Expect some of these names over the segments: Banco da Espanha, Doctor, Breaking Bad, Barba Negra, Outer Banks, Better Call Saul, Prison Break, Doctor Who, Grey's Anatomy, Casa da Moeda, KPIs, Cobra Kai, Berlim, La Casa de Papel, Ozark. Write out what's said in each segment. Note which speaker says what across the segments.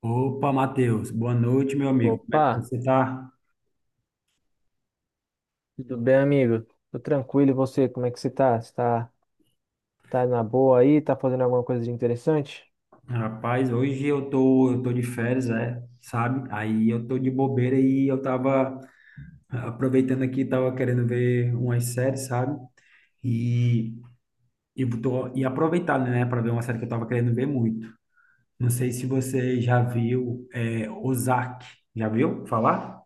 Speaker 1: Opa, Matheus, boa noite, meu amigo. Como é
Speaker 2: Opa,
Speaker 1: que você tá?
Speaker 2: tudo bem, amigo? Tô tranquilo, e você? Como é que você tá? Tá na boa aí? Tá fazendo alguma coisa de interessante?
Speaker 1: Rapaz, hoje eu tô de férias, é, sabe? Aí eu tô de bobeira e eu tava aproveitando aqui, tava querendo ver umas séries, sabe? E, e aproveitando, né, para ver uma série que eu tava querendo ver muito. Não sei se você já viu, é, Ozark. Já viu falar?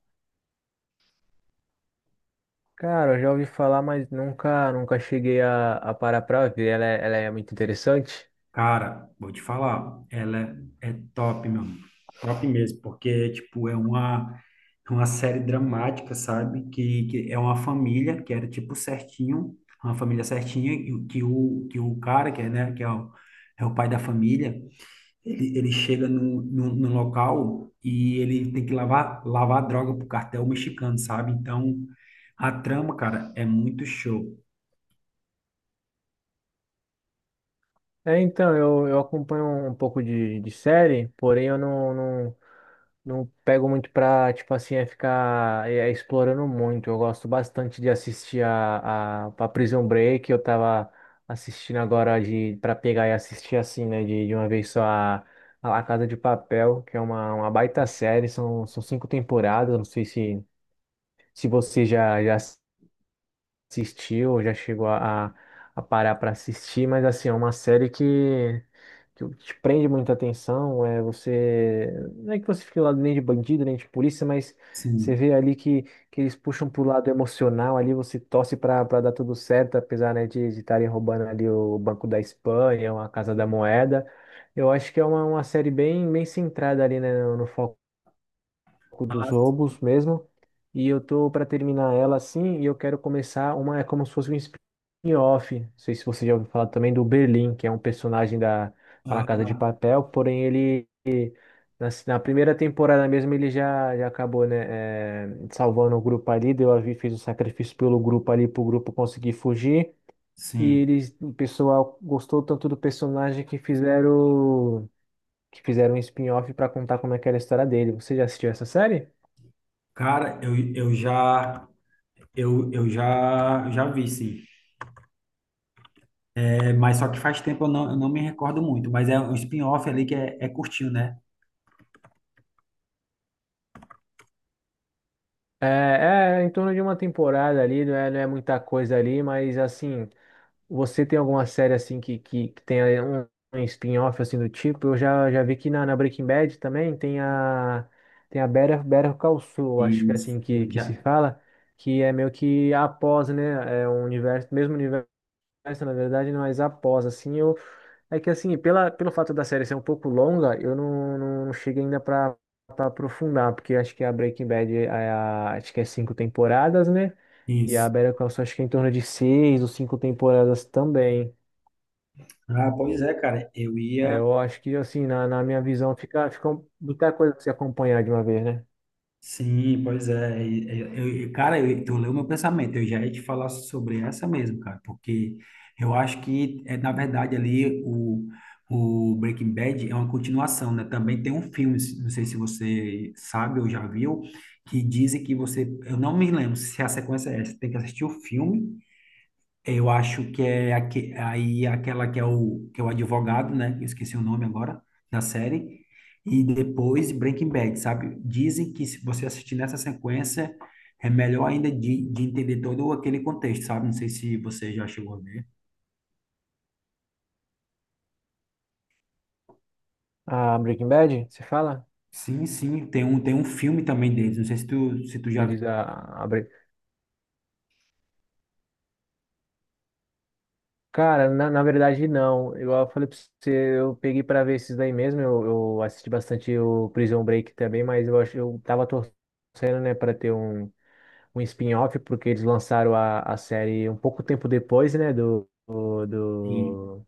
Speaker 2: Cara, eu já ouvi falar, mas nunca cheguei a parar pra ver. Ela é muito interessante.
Speaker 1: Cara, vou te falar, ela é top, meu amigo. Top mesmo, porque, tipo, é uma série dramática, sabe? Que é uma família que era, tipo, certinho, uma família certinha, e que o cara, que é, né, é o pai da família, ele chega no local e ele tem que lavar, lavar droga pro cartel mexicano, sabe? Então, a trama, cara, é muito show.
Speaker 2: É, então, eu acompanho um pouco de série, porém eu não pego muito pra, tipo assim, é explorando muito. Eu gosto bastante de assistir a Prison Break. Eu tava assistindo agora de para pegar e assistir assim, né, de uma vez só a La Casa de Papel, que é uma baita série. São cinco temporadas. Eu não sei se você já assistiu, ou já chegou a parar para assistir, mas assim, é uma série que te prende muita atenção, é você, não é que você fique lá nem de bandido, nem de polícia, mas você
Speaker 1: Sim.
Speaker 2: vê ali que eles puxam pro lado emocional, ali você torce para dar tudo certo, apesar, né, de estarem roubando ali o Banco da Espanha, a Casa da Moeda. Eu acho que é uma série bem centrada ali, né, no foco pouco dos
Speaker 1: Mas,
Speaker 2: roubos mesmo. E eu tô para terminar ela assim, e eu quero começar uma, é como se fosse um spin-off. Não sei se você já ouviu falar também do Berlim, que é um personagem da La Casa de
Speaker 1: ah,
Speaker 2: Papel, porém ele na primeira temporada mesmo ele já acabou, né, é, salvando o grupo ali, deu a vida, fez o sacrifício pelo grupo ali, pro grupo conseguir fugir. E
Speaker 1: sim.
Speaker 2: eles, o pessoal gostou tanto do personagem que fizeram um spin-off para contar como é que era a história dele. Você já assistiu essa série?
Speaker 1: Cara, eu já vi, sim. É, mas só que faz tempo eu não me recordo muito, mas é um spin-off ali é curtinho, né?
Speaker 2: É, é em torno de uma temporada ali, não é muita coisa ali, mas assim, você tem alguma série assim que tenha um, um spin-off assim do tipo? Já vi que na Breaking Bad também tem a Better Call Saul,
Speaker 1: E
Speaker 2: acho que é assim
Speaker 1: eu
Speaker 2: que se
Speaker 1: já
Speaker 2: fala, que é meio que após, né, é um universo, mesmo universo essa, na verdade, mas após, assim, eu. É que, assim, pelo fato da série ser um pouco longa, eu não, não, não cheguei ainda pra, pra aprofundar, porque acho que a Breaking Bad, é a, acho que é cinco temporadas, né? E a
Speaker 1: isso.
Speaker 2: Better Call Saul, acho que é em torno de seis ou cinco temporadas também.
Speaker 1: Ah, pois é, cara. Eu
Speaker 2: Aí
Speaker 1: ia.
Speaker 2: eu acho que, assim, na minha visão, muita coisa pra se acompanhar de uma vez, né?
Speaker 1: Sim, pois é. Cara, eu, tu leu meu pensamento. Eu já ia te falar sobre essa mesmo, cara, porque eu acho que, é, na verdade, o Breaking Bad é uma continuação, né? Também tem um filme, se- não sei se você sabe ou já viu, que dizem que você. Eu não me lembro se a sequência é essa, tem que assistir o filme. Eu acho que é aque- aí aquela que é o advogado, né? Eu esqueci o nome agora da série. E depois Breaking Bad, sabe? Dizem que se você assistir nessa sequência é melhor ainda de entender todo aquele contexto, sabe? Não sei se você já chegou a ver.
Speaker 2: A Breaking Bad, você fala?
Speaker 1: Sim, sim, tem um filme também deles. Não sei se tu já
Speaker 2: Você diz
Speaker 1: viu.
Speaker 2: a Breaking. Cara, na verdade não. Igual eu falei pra você, eu peguei pra ver esses daí mesmo. Eu assisti bastante o Prison Break também, mas eu acho eu tava torcendo, né, pra ter um spin-off, porque eles lançaram a série um pouco tempo depois, né,
Speaker 1: E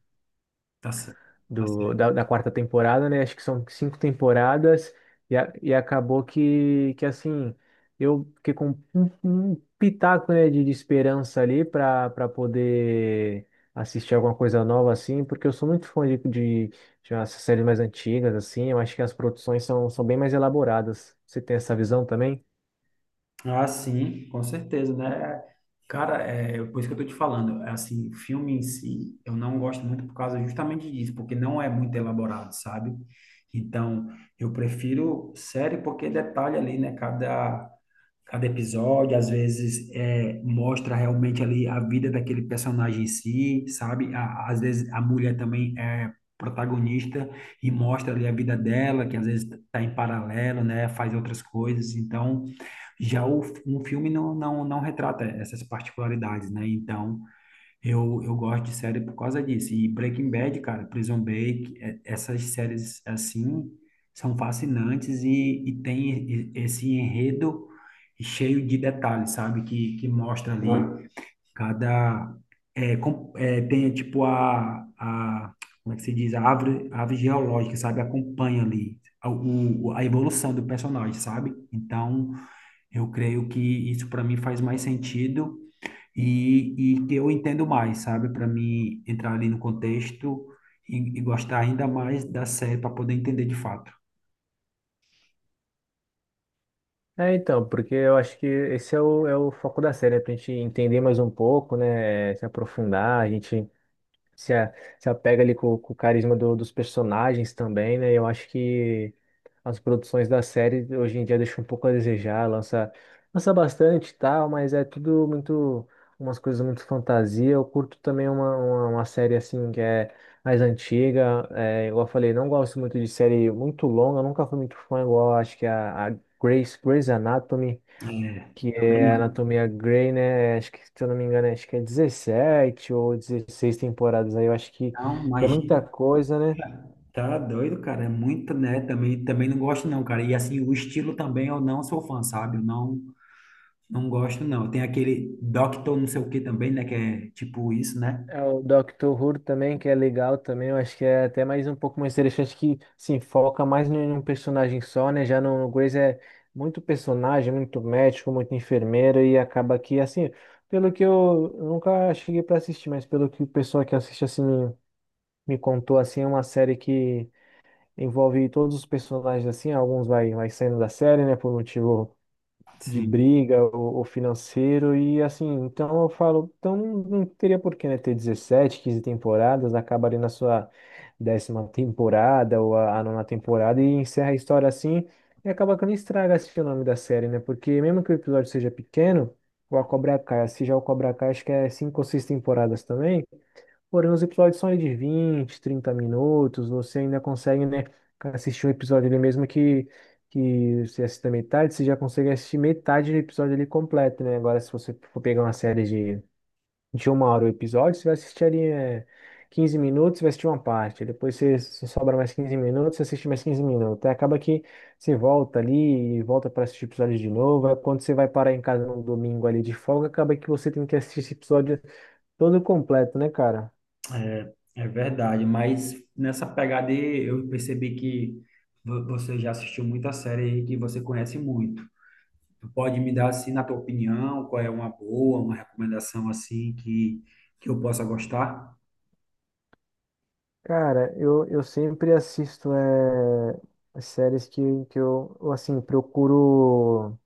Speaker 1: tá certo.
Speaker 2: da quarta temporada, né? Acho que são cinco temporadas e acabou que assim, eu fiquei com um pitaco, né, de esperança ali para poder assistir alguma coisa nova assim, porque eu sou muito fã de umas séries mais antigas assim. Eu acho que as produções são bem mais elaboradas. Você tem essa visão também?
Speaker 1: Ah, sim, com certeza, né? É, cara, é por isso que eu tô te falando. Assim, filme em si, eu não gosto muito por causa justamente disso, porque não é muito elaborado, sabe? Então, eu prefiro série porque detalha ali, né? Cada episódio, às vezes é, mostra realmente ali a vida daquele personagem em si, sabe? A- às vezes a mulher também é protagonista e mostra ali a vida dela, que às vezes está em paralelo, né? Faz outras coisas. Então, um filme não retrata essas particularidades, né? Então, eu gosto de série por causa disso. E Breaking Bad, cara, Prison Break, é- essas séries assim são fascinantes e tem esse enredo cheio de detalhes, sabe? Que mostra ali cada. É, com- é, tem tipo a. Como é que se diz? A árvore geológica, sabe? Acompanha a evolução do personagem, sabe? Então, eu creio que isso para mim faz mais sentido e que eu entendo mais, sabe? Para mim entrar ali no contexto e gostar ainda mais da série para poder entender de fato.
Speaker 2: É, então, porque eu acho que esse é é o foco da série, né? Pra gente entender mais um pouco, né? Se aprofundar, a gente se, a- se apega ali com o carisma dos personagens também, né? Eu acho que as produções da série hoje em dia deixam um pouco a desejar, lança bastante e tal, mas é tudo muito, umas coisas muito fantasia. Eu curto também uma série assim que é mais antiga, é, igual eu falei, não gosto muito de série muito longa, eu nunca fui muito fã. Igual acho que é a Grey's Anatomy,
Speaker 1: É,
Speaker 2: que
Speaker 1: também
Speaker 2: é a
Speaker 1: não.
Speaker 2: Anatomia Grey, né? Acho que, se eu não me engano, acho que é 17 ou 16 temporadas aí. Eu acho que
Speaker 1: Não,
Speaker 2: já é muita
Speaker 1: imagina.
Speaker 2: coisa, né?
Speaker 1: Tá doido, cara. É muito, né? Também, também não gosto, não, cara. E assim, o estilo também eu não sou fã, sabe? Eu não, não gosto, não. Tem aquele Doctor não sei o que também, né? Que é tipo isso, né?
Speaker 2: É o Doctor Who também, que é legal também. Eu acho que é até mais um pouco mais interessante, que se foca mais em um personagem só, né? Já no Grey's é muito personagem, muito médico, muito enfermeiro, e acaba que, assim, pelo que eu nunca cheguei para assistir, mas pelo que o pessoal que assiste, assim, me contou, assim, é uma série que envolve todos os personagens assim, alguns vai saindo da série, né, por motivo de
Speaker 1: Sim.
Speaker 2: briga ou financeiro, e assim, então eu falo, então não teria por que, né, ter 17 15 temporadas, acaba ali na sua 10ª temporada ou a nona temporada e encerra a história assim, e acaba que não estraga assim, o nome da série, né, porque mesmo que o episódio seja pequeno, o A Cobra Kai, se já o Cobra Kai, acho que é cinco ou seis temporadas também. Porém, os episódios são aí de 20, 30 minutos. Você ainda consegue, né, assistir um episódio ali mesmo que você assista metade, você já consegue assistir metade do episódio ali completo, né? Agora, se você for pegar uma série de uma hora o episódio, você vai assistir ali, é, 15 minutos, você vai assistir uma parte, depois você sobra mais 15 minutos, você assiste mais 15 minutos. Aí acaba que você volta ali e volta para assistir episódio de novo. Aí quando você vai parar em casa no domingo ali de folga, acaba que você tem que assistir esse episódio todo completo, né, cara?
Speaker 1: É, é verdade, mas nessa pegada aí, eu percebi que você já assistiu muita série aí que você conhece muito. Tu pode me dar, assim, na tua opinião, qual é uma boa, uma recomendação, assim, que eu possa gostar?
Speaker 2: Cara, eu sempre assisto é, as séries que eu, assim,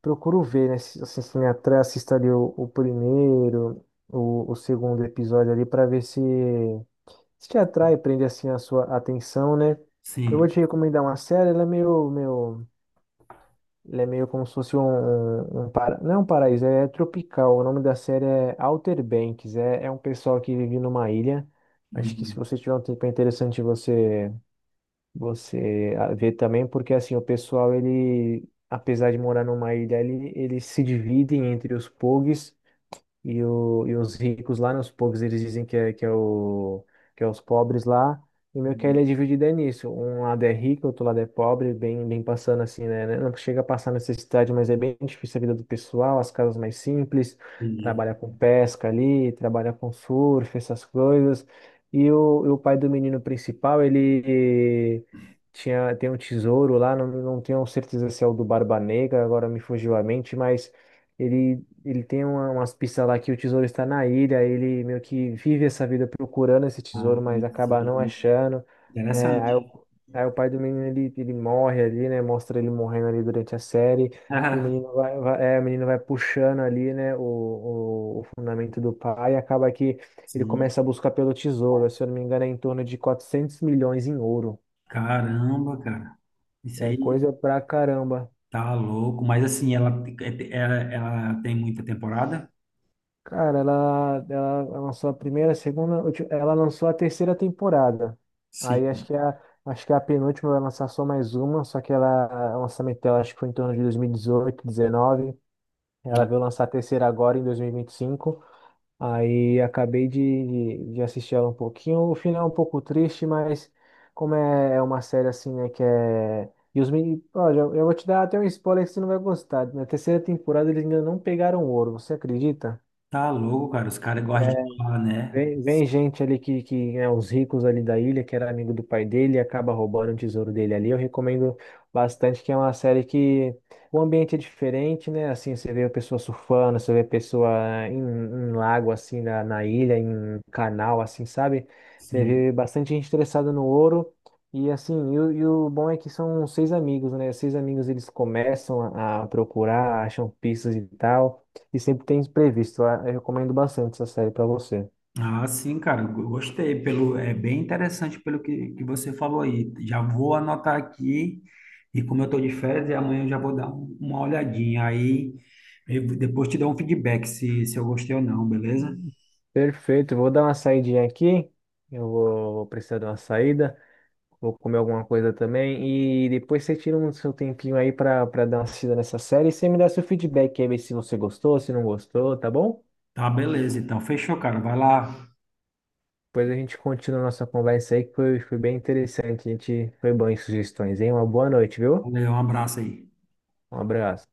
Speaker 2: procuro ver, né? Se- Assim, se me atrai, assisto ali o primeiro, o segundo episódio ali, para ver se te atrai, prende, assim, a sua atenção, né? Eu
Speaker 1: Sim.
Speaker 2: vou te recomendar uma série. Ela é ela é meio como se fosse um para, não é um paraíso, é tropical. O nome da série é Outer Banks, é, é um pessoal que vive numa ilha. Acho que se
Speaker 1: Uhum.
Speaker 2: você tiver um tempo é interessante vê também, porque assim, o pessoal, ele, apesar de morar numa ilha, ele, eles se dividem entre os pogs e os ricos lá, né, os pobres, eles dizem que é os pobres lá. E meio que a
Speaker 1: Uhum.
Speaker 2: ilha é dividida nisso. Um lado é rico, outro lado é pobre, bem passando assim, né? Não chega a passar necessidade, mas é bem difícil a vida do pessoal, as casas mais simples,
Speaker 1: Entendi.
Speaker 2: trabalha com pesca ali, trabalha com surf, essas coisas. E o pai do menino principal, ele tem um tesouro lá, não tenho certeza se é o do Barba Negra, agora me fugiu a mente, mas. Ele Ele tem umas pistas lá que o tesouro está na ilha. Ele meio que vive essa vida procurando esse
Speaker 1: Ah,
Speaker 2: tesouro, mas acaba não
Speaker 1: sim.
Speaker 2: achando. É, aí,
Speaker 1: Interessante.
Speaker 2: o, aí o pai do menino ele, ele morre ali, né? Mostra ele morrendo ali durante a série. E o menino
Speaker 1: Ah,
Speaker 2: o menino vai puxando ali, né? O fundamento do pai. E acaba que ele
Speaker 1: sim.
Speaker 2: começa a buscar pelo tesouro. Se eu não me engano, é em torno de 400 milhões em ouro.
Speaker 1: Caramba, cara. Isso
Speaker 2: É
Speaker 1: aí
Speaker 2: coisa pra caramba.
Speaker 1: tá louco. Mas, assim, ela tem muita temporada?
Speaker 2: Cara, ela lançou a primeira, a segunda, ela lançou a terceira temporada. Aí
Speaker 1: Sim.
Speaker 2: acho que a penúltima vai lançar só mais uma, só que ela, o lançamento dela acho que foi em torno de 2018, 2019. Ela veio lançar a terceira agora em 2025. Aí acabei de assistir ela um pouquinho. O final é um pouco triste, mas como é uma série assim, né, que é. E os meninos, olha, eu vou te dar até um spoiler que você não vai gostar. Na terceira temporada eles ainda não pegaram ouro, você acredita?
Speaker 1: Tá louco, cara. Os caras gostam de falar, né?
Speaker 2: Vem gente ali que é os ricos ali da ilha, que era amigo do pai dele e acaba roubando o tesouro dele ali. Eu recomendo bastante, que é uma série que o ambiente é diferente, né? Assim, você vê a pessoa surfando, você vê a pessoa em lago, assim, na ilha, em canal, assim, sabe? Você
Speaker 1: Sim.
Speaker 2: vê bastante gente interessada no ouro. E assim, e o bom é que são seis amigos, né? Seis amigos eles começam a procurar, acham pistas e tal, e sempre tem imprevisto. Eu recomendo bastante essa série para você.
Speaker 1: Ah, sim, cara. Eu Gostei. Pelo, é bem interessante pelo que você falou aí. Já vou anotar aqui. E como eu tô de férias, e amanhã eu já vou dar uma olhadinha. Aí eu depois te dou um feedback se, se eu gostei ou não, beleza?
Speaker 2: Perfeito, vou dar uma saidinha aqui. Vou precisar de uma saída. Vou comer alguma coisa também. E depois você tira um seu tempinho aí pra dar uma assistida nessa série. E você me dá seu feedback aí, ver se você gostou, se não gostou, tá bom?
Speaker 1: Tá, beleza. Então, fechou, cara. Vai lá.
Speaker 2: Depois a gente continua a nossa conversa aí, foi bem interessante. A gente foi bom em sugestões, hein? Uma boa noite, viu?
Speaker 1: Valeu, um abraço aí.
Speaker 2: Um abraço.